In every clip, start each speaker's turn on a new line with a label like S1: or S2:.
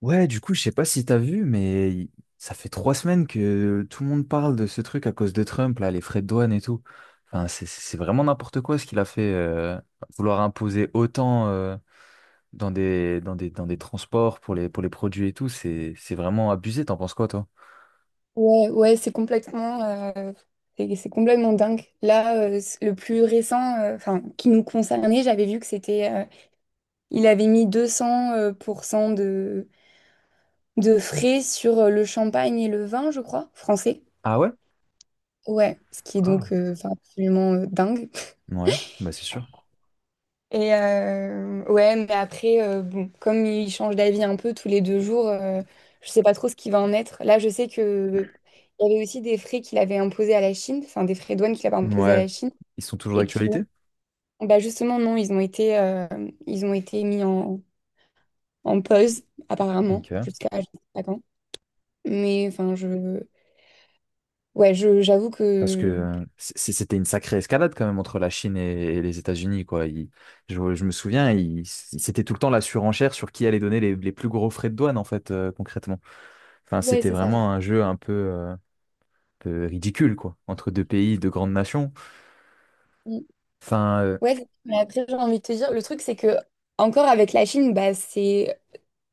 S1: Ouais, du coup, je sais pas si t'as vu, mais ça fait trois semaines que tout le monde parle de ce truc à cause de Trump, là, les frais de douane et tout. Enfin, c'est vraiment n'importe quoi ce qu'il a fait, vouloir imposer autant dans des transports pour pour les produits et tout, c'est vraiment abusé. T'en penses quoi, toi?
S2: Ouais, ouais, c'est complètement, c'est complètement dingue. Là, le plus récent, enfin, qui nous concernait, j'avais vu que c'était, il avait mis 200% pour cent de frais sur le champagne et le vin, je crois, français.
S1: Ah ouais?
S2: Ouais, ce qui est
S1: Ah,
S2: donc enfin, absolument dingue.
S1: ouais, bah c'est sûr.
S2: Et ouais, mais après, bon, comme ils changent d'avis un peu tous les deux jours, je sais pas trop ce qui va en être. Là, je sais que il y avait aussi des frais qu'il avait imposés à la Chine, enfin des frais de douane qu'il avait imposés à
S1: Ouais,
S2: la Chine.
S1: ils sont toujours
S2: Et qui,
S1: d'actualité?
S2: bah justement, non, ils ont été mis en pause, apparemment,
S1: Ok.
S2: jusqu'à je sais pas quand. Mais enfin, ouais, j'avoue
S1: Parce que
S2: que,
S1: c'était une sacrée escalade quand même entre la Chine et les États-Unis, quoi. Je me souviens, c'était tout le temps la surenchère sur qui allait donner les plus gros frais de douane, en fait, concrètement. Enfin,
S2: ouais,
S1: c'était
S2: c'est ça.
S1: vraiment un jeu un peu ridicule, quoi, entre deux pays, deux grandes nations.
S2: Mm.
S1: Enfin,
S2: Ouais, mais après, j'ai envie de te dire, le truc, c'est que, encore avec la Chine, bah, c'est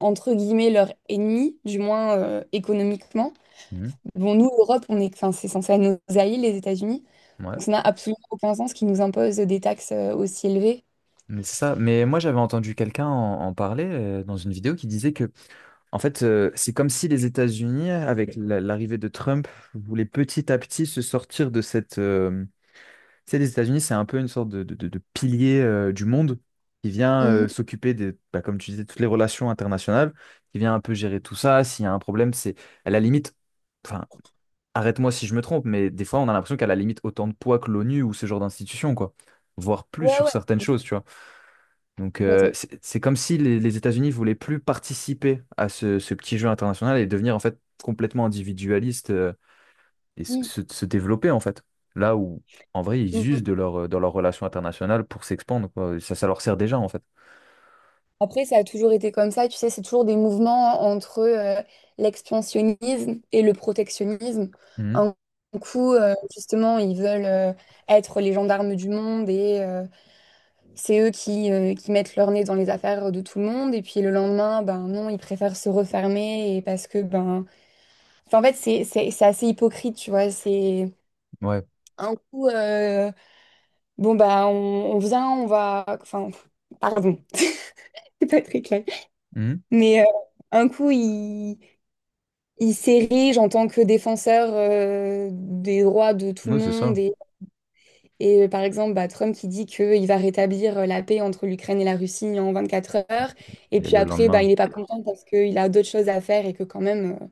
S2: entre guillemets leur ennemi, du moins économiquement.
S1: mhm,
S2: Bon, nous, l'Europe, on est, enfin, c'est censé être nos alliés, les États-Unis.
S1: ouais,
S2: Donc, ça n'a absolument aucun sens qu'ils nous imposent des taxes aussi élevées.
S1: mais c'est ça. Mais moi, j'avais entendu quelqu'un en parler dans une vidéo qui disait que, en fait, c'est comme si les États-Unis, avec l'arrivée de Trump, voulaient petit à petit se sortir de cette Euh... Tu sais, les États-Unis, c'est un peu une sorte de, de pilier du monde qui vient
S2: Mhm.
S1: s'occuper de, bah, comme tu disais, toutes les relations internationales, qui vient un peu gérer tout ça. S'il y a un problème, c'est à la limite, enfin, arrête-moi si je me trompe, mais des fois, on a l'impression qu'à la limite autant de poids que l'ONU ou ce genre d'institution, quoi, voire plus
S2: Ouais,
S1: sur
S2: ouais,
S1: certaines choses, tu vois. Donc,
S2: complètement.
S1: c'est comme si les États-Unis voulaient plus participer à ce, ce petit jeu international et devenir en fait complètement individualiste et se, se développer en fait. Là où en vrai ils usent
S2: Mm.
S1: de leur, dans leur relation internationale pour s'expandre, quoi. Ça leur sert déjà en fait.
S2: Après, ça a toujours été comme ça, tu sais, c'est toujours des mouvements entre l'expansionnisme et le protectionnisme.
S1: Mhm.
S2: Un coup, justement, ils veulent être les gendarmes du monde et c'est eux qui mettent leur nez dans les affaires de tout le monde. Et puis le lendemain, ben non, ils préfèrent se refermer et parce que, ben... Enfin, en fait, c'est assez hypocrite, tu vois. C'est
S1: Ouais.
S2: un coup, bon, bah, on vient, on va... Enfin, pardon, c'est pas très clair.
S1: Mhm.
S2: Mais un coup, il s'érige en tant que défenseur des droits de tout le
S1: Oui, c'est
S2: monde.
S1: ça.
S2: Et, par exemple, bah, Trump qui dit qu'il va rétablir la paix entre l'Ukraine et la Russie en 24 heures. Et
S1: Et
S2: puis
S1: le
S2: après, bah, il
S1: lendemain,
S2: n'est pas content parce qu'il a d'autres choses à faire et que quand même,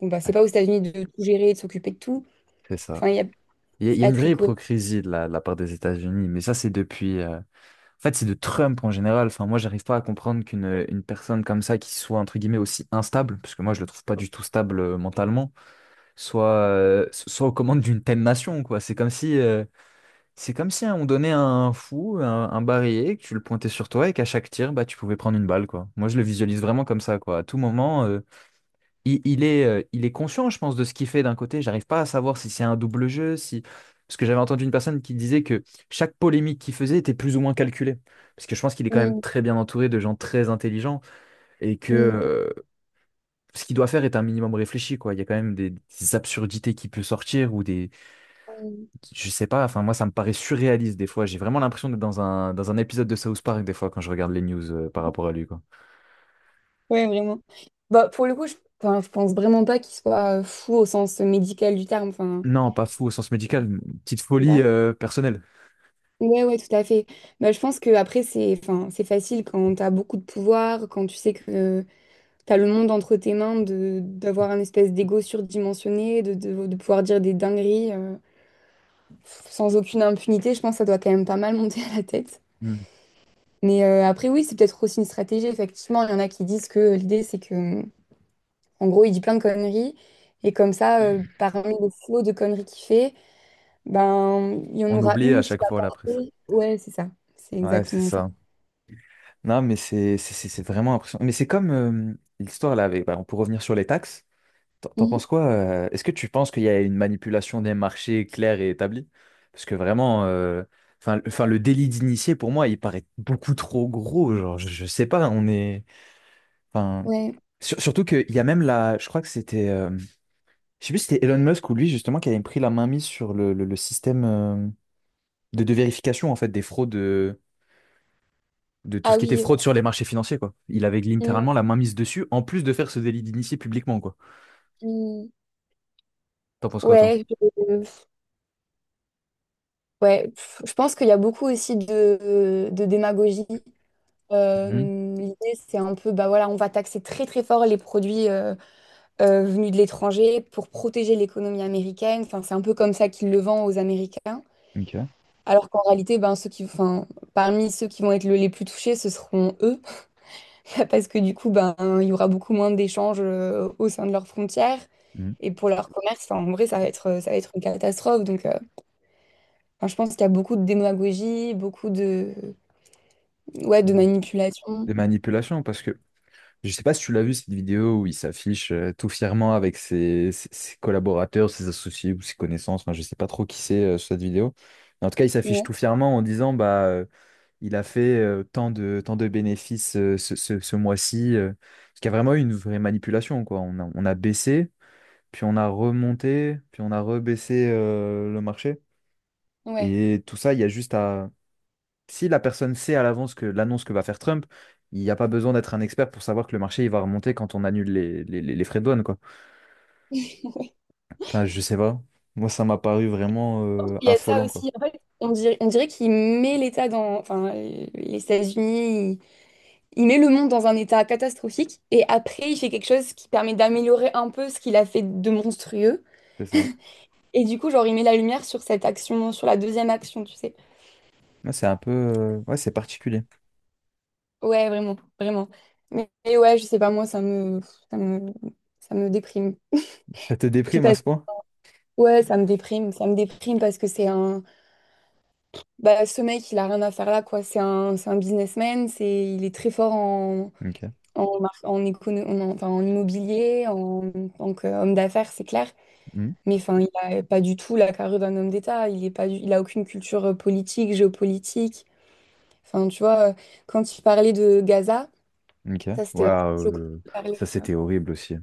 S2: bon, bah, c'est pas
S1: ah,
S2: aux États-Unis de tout gérer, de s'occuper de tout.
S1: c'est ça.
S2: Enfin, il y a...
S1: Il
S2: c'est
S1: y a
S2: pas
S1: une
S2: très
S1: vraie
S2: cool.
S1: hypocrisie de la part des États-Unis, mais ça c'est depuis... En fait, c'est de Trump en général. Enfin, moi, j'arrive pas à comprendre qu'une une personne comme ça, qui soit entre guillemets aussi instable, parce que moi, je le trouve pas du tout stable mentalement, soit, soit aux commandes d'une telle nation, quoi. C'est comme si Euh... C'est comme si hein, on donnait un fou, un barillet, que tu le pointais sur toi et qu'à chaque tir, bah, tu pouvais prendre une balle, quoi. Moi, je le visualise vraiment comme ça, quoi. À tout moment, il est conscient, je pense, de ce qu'il fait d'un côté. J'arrive pas à savoir si c'est un double jeu, si... Parce que j'avais entendu une personne qui disait que chaque polémique qu'il faisait était plus ou moins calculée. Parce que je pense qu'il est quand même
S2: Mm,
S1: très bien entouré de gens très intelligents et que,
S2: mm,
S1: ce qu'il doit faire est un minimum réfléchi, quoi. Il y a quand même des absurdités qui peuvent sortir ou des
S2: mm.
S1: je sais pas, enfin moi ça me paraît surréaliste des fois. J'ai vraiment l'impression d'être dans un épisode de South Park des fois quand je regarde les news par rapport à lui, quoi.
S2: Ouais, vraiment. Bah, pour le coup, enfin, je pense vraiment pas qu'il soit fou au sens médical du terme. Enfin,
S1: Non, pas fou au sens médical, une petite folie personnelle.
S2: ouais, ouais, tout à fait. Bah, je pense que après c'est enfin, c'est facile quand tu as beaucoup de pouvoir, quand tu sais que tu as le monde entre tes mains, de d'avoir un espèce d'ego surdimensionné, de pouvoir dire des dingueries sans aucune impunité. Je pense que ça doit quand même pas mal monter à la tête.
S1: Hmm.
S2: Mais après, oui, c'est peut-être aussi une stratégie. Effectivement, il y en a qui disent que l'idée, c'est que, en gros, il dit plein de conneries. Et comme ça, parmi le flot de conneries qu'il fait, ben, il y en
S1: On
S2: aura
S1: oublie à
S2: une qui
S1: chaque
S2: va
S1: fois la presse.
S2: passer. Ouais, c'est ça. C'est
S1: Ouais, c'est
S2: exactement ça.
S1: ça. Non, mais c'est vraiment impressionnant. Mais c'est comme l'histoire là avec, bah, on peut revenir sur les taxes. T'en
S2: Mhm.
S1: penses quoi? Est-ce que tu penses qu'il y a une manipulation des marchés claire et établie? Parce que vraiment, enfin, enfin le délit d'initié pour moi il paraît beaucoup trop gros. Genre, je sais pas, on est Enfin,
S2: Ouais.
S1: surtout qu'il y a même la, je crois que c'était, je sais plus si c'était Elon Musk ou lui justement qui avait pris la main mise sur le, le système de vérification en fait des fraudes, de tout ce
S2: Ah
S1: qui était
S2: oui,
S1: fraude
S2: ouais.
S1: sur les marchés financiers quoi. Il avait
S2: Mm,
S1: littéralement la main mise dessus en plus de faire ce délit d'initié publiquement quoi.
S2: mm.
S1: T'en penses quoi toi?
S2: Ouais, ouais, pff, je pense qu'il y a beaucoup aussi de démagogie.
S1: Mhm.
S2: Euh, l'idée, c'est un peu, bah voilà, on va taxer très très fort les produits venus de l'étranger pour protéger l'économie américaine. Enfin, c'est un peu comme ça qu'ils le vendent aux Américains.
S1: Ok.
S2: Alors qu'en réalité, ben, ceux qui, enfin, parmi ceux qui vont être les plus touchés, ce seront eux. Parce que du coup, ben, il y aura beaucoup moins d'échanges au sein de leurs frontières.
S1: Mhm.
S2: Et pour leur commerce, enfin, en vrai, ça va être une catastrophe. Donc, enfin, je pense qu'il y a beaucoup de démagogie, beaucoup ouais, de
S1: De-
S2: manipulation.
S1: De manipulation parce que je sais pas si tu l'as vu cette vidéo où il s'affiche tout fièrement avec ses, ses collaborateurs, ses associés ou ses connaissances. Enfin, je sais pas trop qui c'est sur cette vidéo. Mais en tout cas, il s'affiche
S2: Ouais,
S1: tout fièrement en disant bah il a fait tant de bénéfices ce, ce mois-ci. Parce qu'il y a vraiment eu une vraie manipulation quoi. On a baissé, puis on a remonté, puis on a rebaissé le marché.
S2: ouais.
S1: Et tout ça, il y a juste à si la personne sait à l'avance que l'annonce que va faire Trump, il n'y a pas besoin d'être un expert pour savoir que le marché il va remonter quand on annule les frais de douane, quoi. Enfin, je sais pas. Moi, ça m'a paru vraiment
S2: Il y a de ça
S1: affolant, quoi.
S2: aussi. En fait, on dirait qu'il met l'État dans, enfin, les États-Unis, il met le monde dans un état catastrophique et après, il fait quelque chose qui permet d'améliorer un peu ce qu'il a fait de monstrueux.
S1: C'est ça.
S2: Et du coup, genre, il met la lumière sur cette action, sur la deuxième action, tu sais.
S1: Ouais, c'est un peu. Ouais, c'est particulier.
S2: Ouais, vraiment, vraiment. Mais ouais, je sais pas, moi, ça me, ça me déprime.
S1: Ça te
S2: Puis
S1: déprime à ce point?
S2: ouais, ça me déprime parce que c'est un. Bah, ce mec, il a rien à faire là, quoi. C'est un businessman, il est très fort en,
S1: Ok.
S2: enfin, en immobilier, en tant qu'homme d'affaires, c'est clair.
S1: Hmm.
S2: Mais enfin, il a pas du tout la carrure d'un homme d'État. Il est pas du- il a aucune culture politique, géopolitique. Enfin, tu vois, quand tu parlais de Gaza,
S1: Ok.
S2: ça, c'était vraiment
S1: Waouh.
S2: choquant de parler.
S1: Ça, c'était horrible aussi.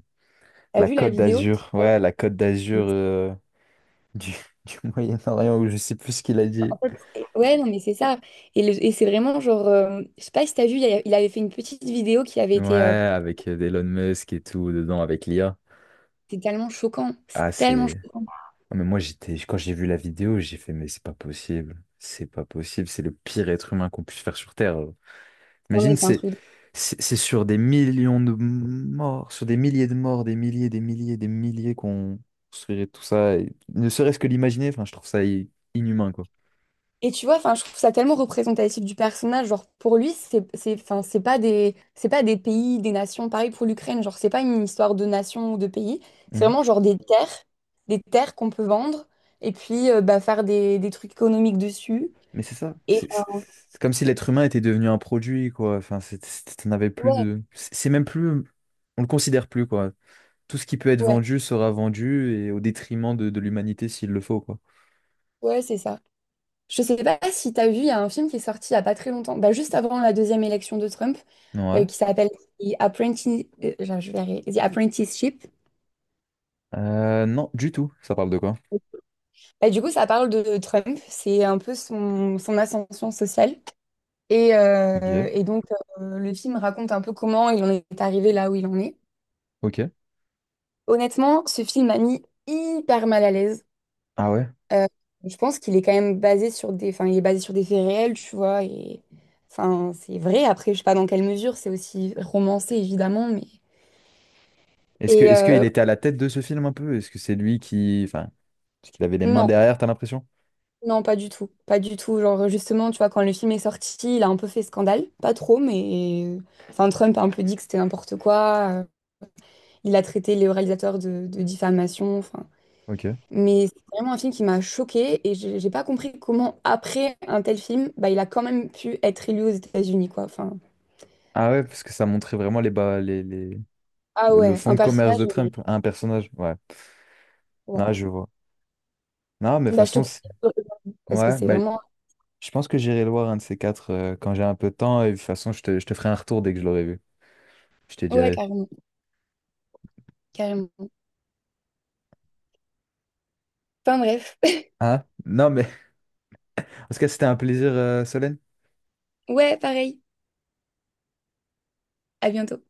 S2: T'as
S1: La
S2: vu la
S1: Côte
S2: vidéo?
S1: d'Azur.
S2: Euh,
S1: Ouais, la Côte d'Azur du, du Moyen-Orient, où je sais plus ce qu'il a
S2: En
S1: dit.
S2: fait, ouais, non, mais c'est ça. Et c'est vraiment genre, je sais pas si t'as vu, il avait fait une petite vidéo qui avait
S1: Ouais,
S2: été.
S1: avec Elon Musk et tout dedans, avec l'IA.
S2: C'est tellement choquant. C'est
S1: Ah,
S2: tellement
S1: c'est.
S2: choquant.
S1: Ah, mais moi, j'étais, quand j'ai vu la vidéo, j'ai fait, mais c'est pas possible. C'est pas possible. C'est le pire être humain qu'on puisse faire sur Terre.
S2: Non,
S1: Imagine,
S2: mais c'est un
S1: c'est,
S2: truc.
S1: c'est sur des millions de morts, sur des milliers de morts, des milliers, des milliers, des milliers qu'on construirait tout ça. Et ne serait-ce que l'imaginer, enfin, je trouve ça inhumain, quoi.
S2: Et tu vois, enfin, je trouve ça tellement représentatif du personnage. Genre, pour lui, enfin, c'est pas des pays, des nations. Pareil pour l'Ukraine. Genre, c'est pas une histoire de nation ou de pays. C'est
S1: Mhm.
S2: vraiment genre des terres qu'on peut vendre et puis bah, faire des trucs économiques dessus.
S1: Mais c'est ça.
S2: Et enfin,
S1: C'est comme si l'être humain était devenu un produit, quoi. Enfin, t'en avais plus
S2: ouais,
S1: de. C'est même plus. On le considère plus, quoi. Tout ce qui peut être
S2: ouais,
S1: vendu sera vendu et au détriment de l'humanité s'il le faut, quoi.
S2: ouais, c'est ça. Je sais pas si t'as vu, il y a un film qui est sorti il y a pas très longtemps, bah, juste avant la deuxième élection de Trump,
S1: Ouais.
S2: qui s'appelle je vais y arriver. The Apprenticeship.
S1: Non, du tout. Ça parle de quoi?
S2: Bah, du coup, ça parle de Trump, c'est un peu son ascension sociale. Et, euh,
S1: Ok.
S2: et donc, le film raconte un peu comment il en est arrivé là où il en est.
S1: Ok.
S2: Honnêtement, ce film m'a mis hyper mal à l'aise.
S1: Ah ouais.
S2: Euh, je pense qu'il est quand même basé enfin, il est basé sur des faits réels, tu vois. Et, enfin, c'est vrai. Après, je sais pas dans quelle mesure, c'est aussi romancé, évidemment. Mais... Et
S1: Est-ce
S2: euh,
S1: qu'il était à la tête de ce film un peu? Est-ce que c'est lui qui... Enfin, est-ce qu'il avait les mains
S2: non,
S1: derrière, t'as l'impression?
S2: Non, pas du tout. Pas du tout. Genre, justement, tu vois, quand le film est sorti, il a un peu fait scandale. Pas trop, mais. Enfin, Trump a un peu dit que c'était n'importe quoi. Il a traité les réalisateurs de diffamation. Enfin.
S1: Ok.
S2: Mais c'est vraiment un film qui m'a choquée et j'ai pas compris comment, après un tel film, bah, il a quand même pu être élu aux États-Unis, quoi. Enfin.
S1: Ah ouais, parce que ça montrait vraiment les bas,
S2: Ah
S1: le
S2: ouais,
S1: fond
S2: un
S1: de commerce
S2: personnage,
S1: de
S2: mais.
S1: Trump à un personnage. Ouais.
S2: Ouais.
S1: Non, je vois. Non, mais de toute
S2: Bah, je te
S1: façon,
S2: conseille. Parce que
S1: ouais,
S2: c'est
S1: bah,
S2: vraiment.
S1: je pense que j'irai le voir un de ces quatre quand j'ai un peu de temps. Et de toute façon, je te ferai un retour dès que je l'aurai vu. Je te
S2: Ouais,
S1: dirai.
S2: carrément. Carrément. Enfin, bref.
S1: Hein? Non, mais en tout cas, c'était un plaisir, Solène.
S2: Ouais, pareil. À bientôt.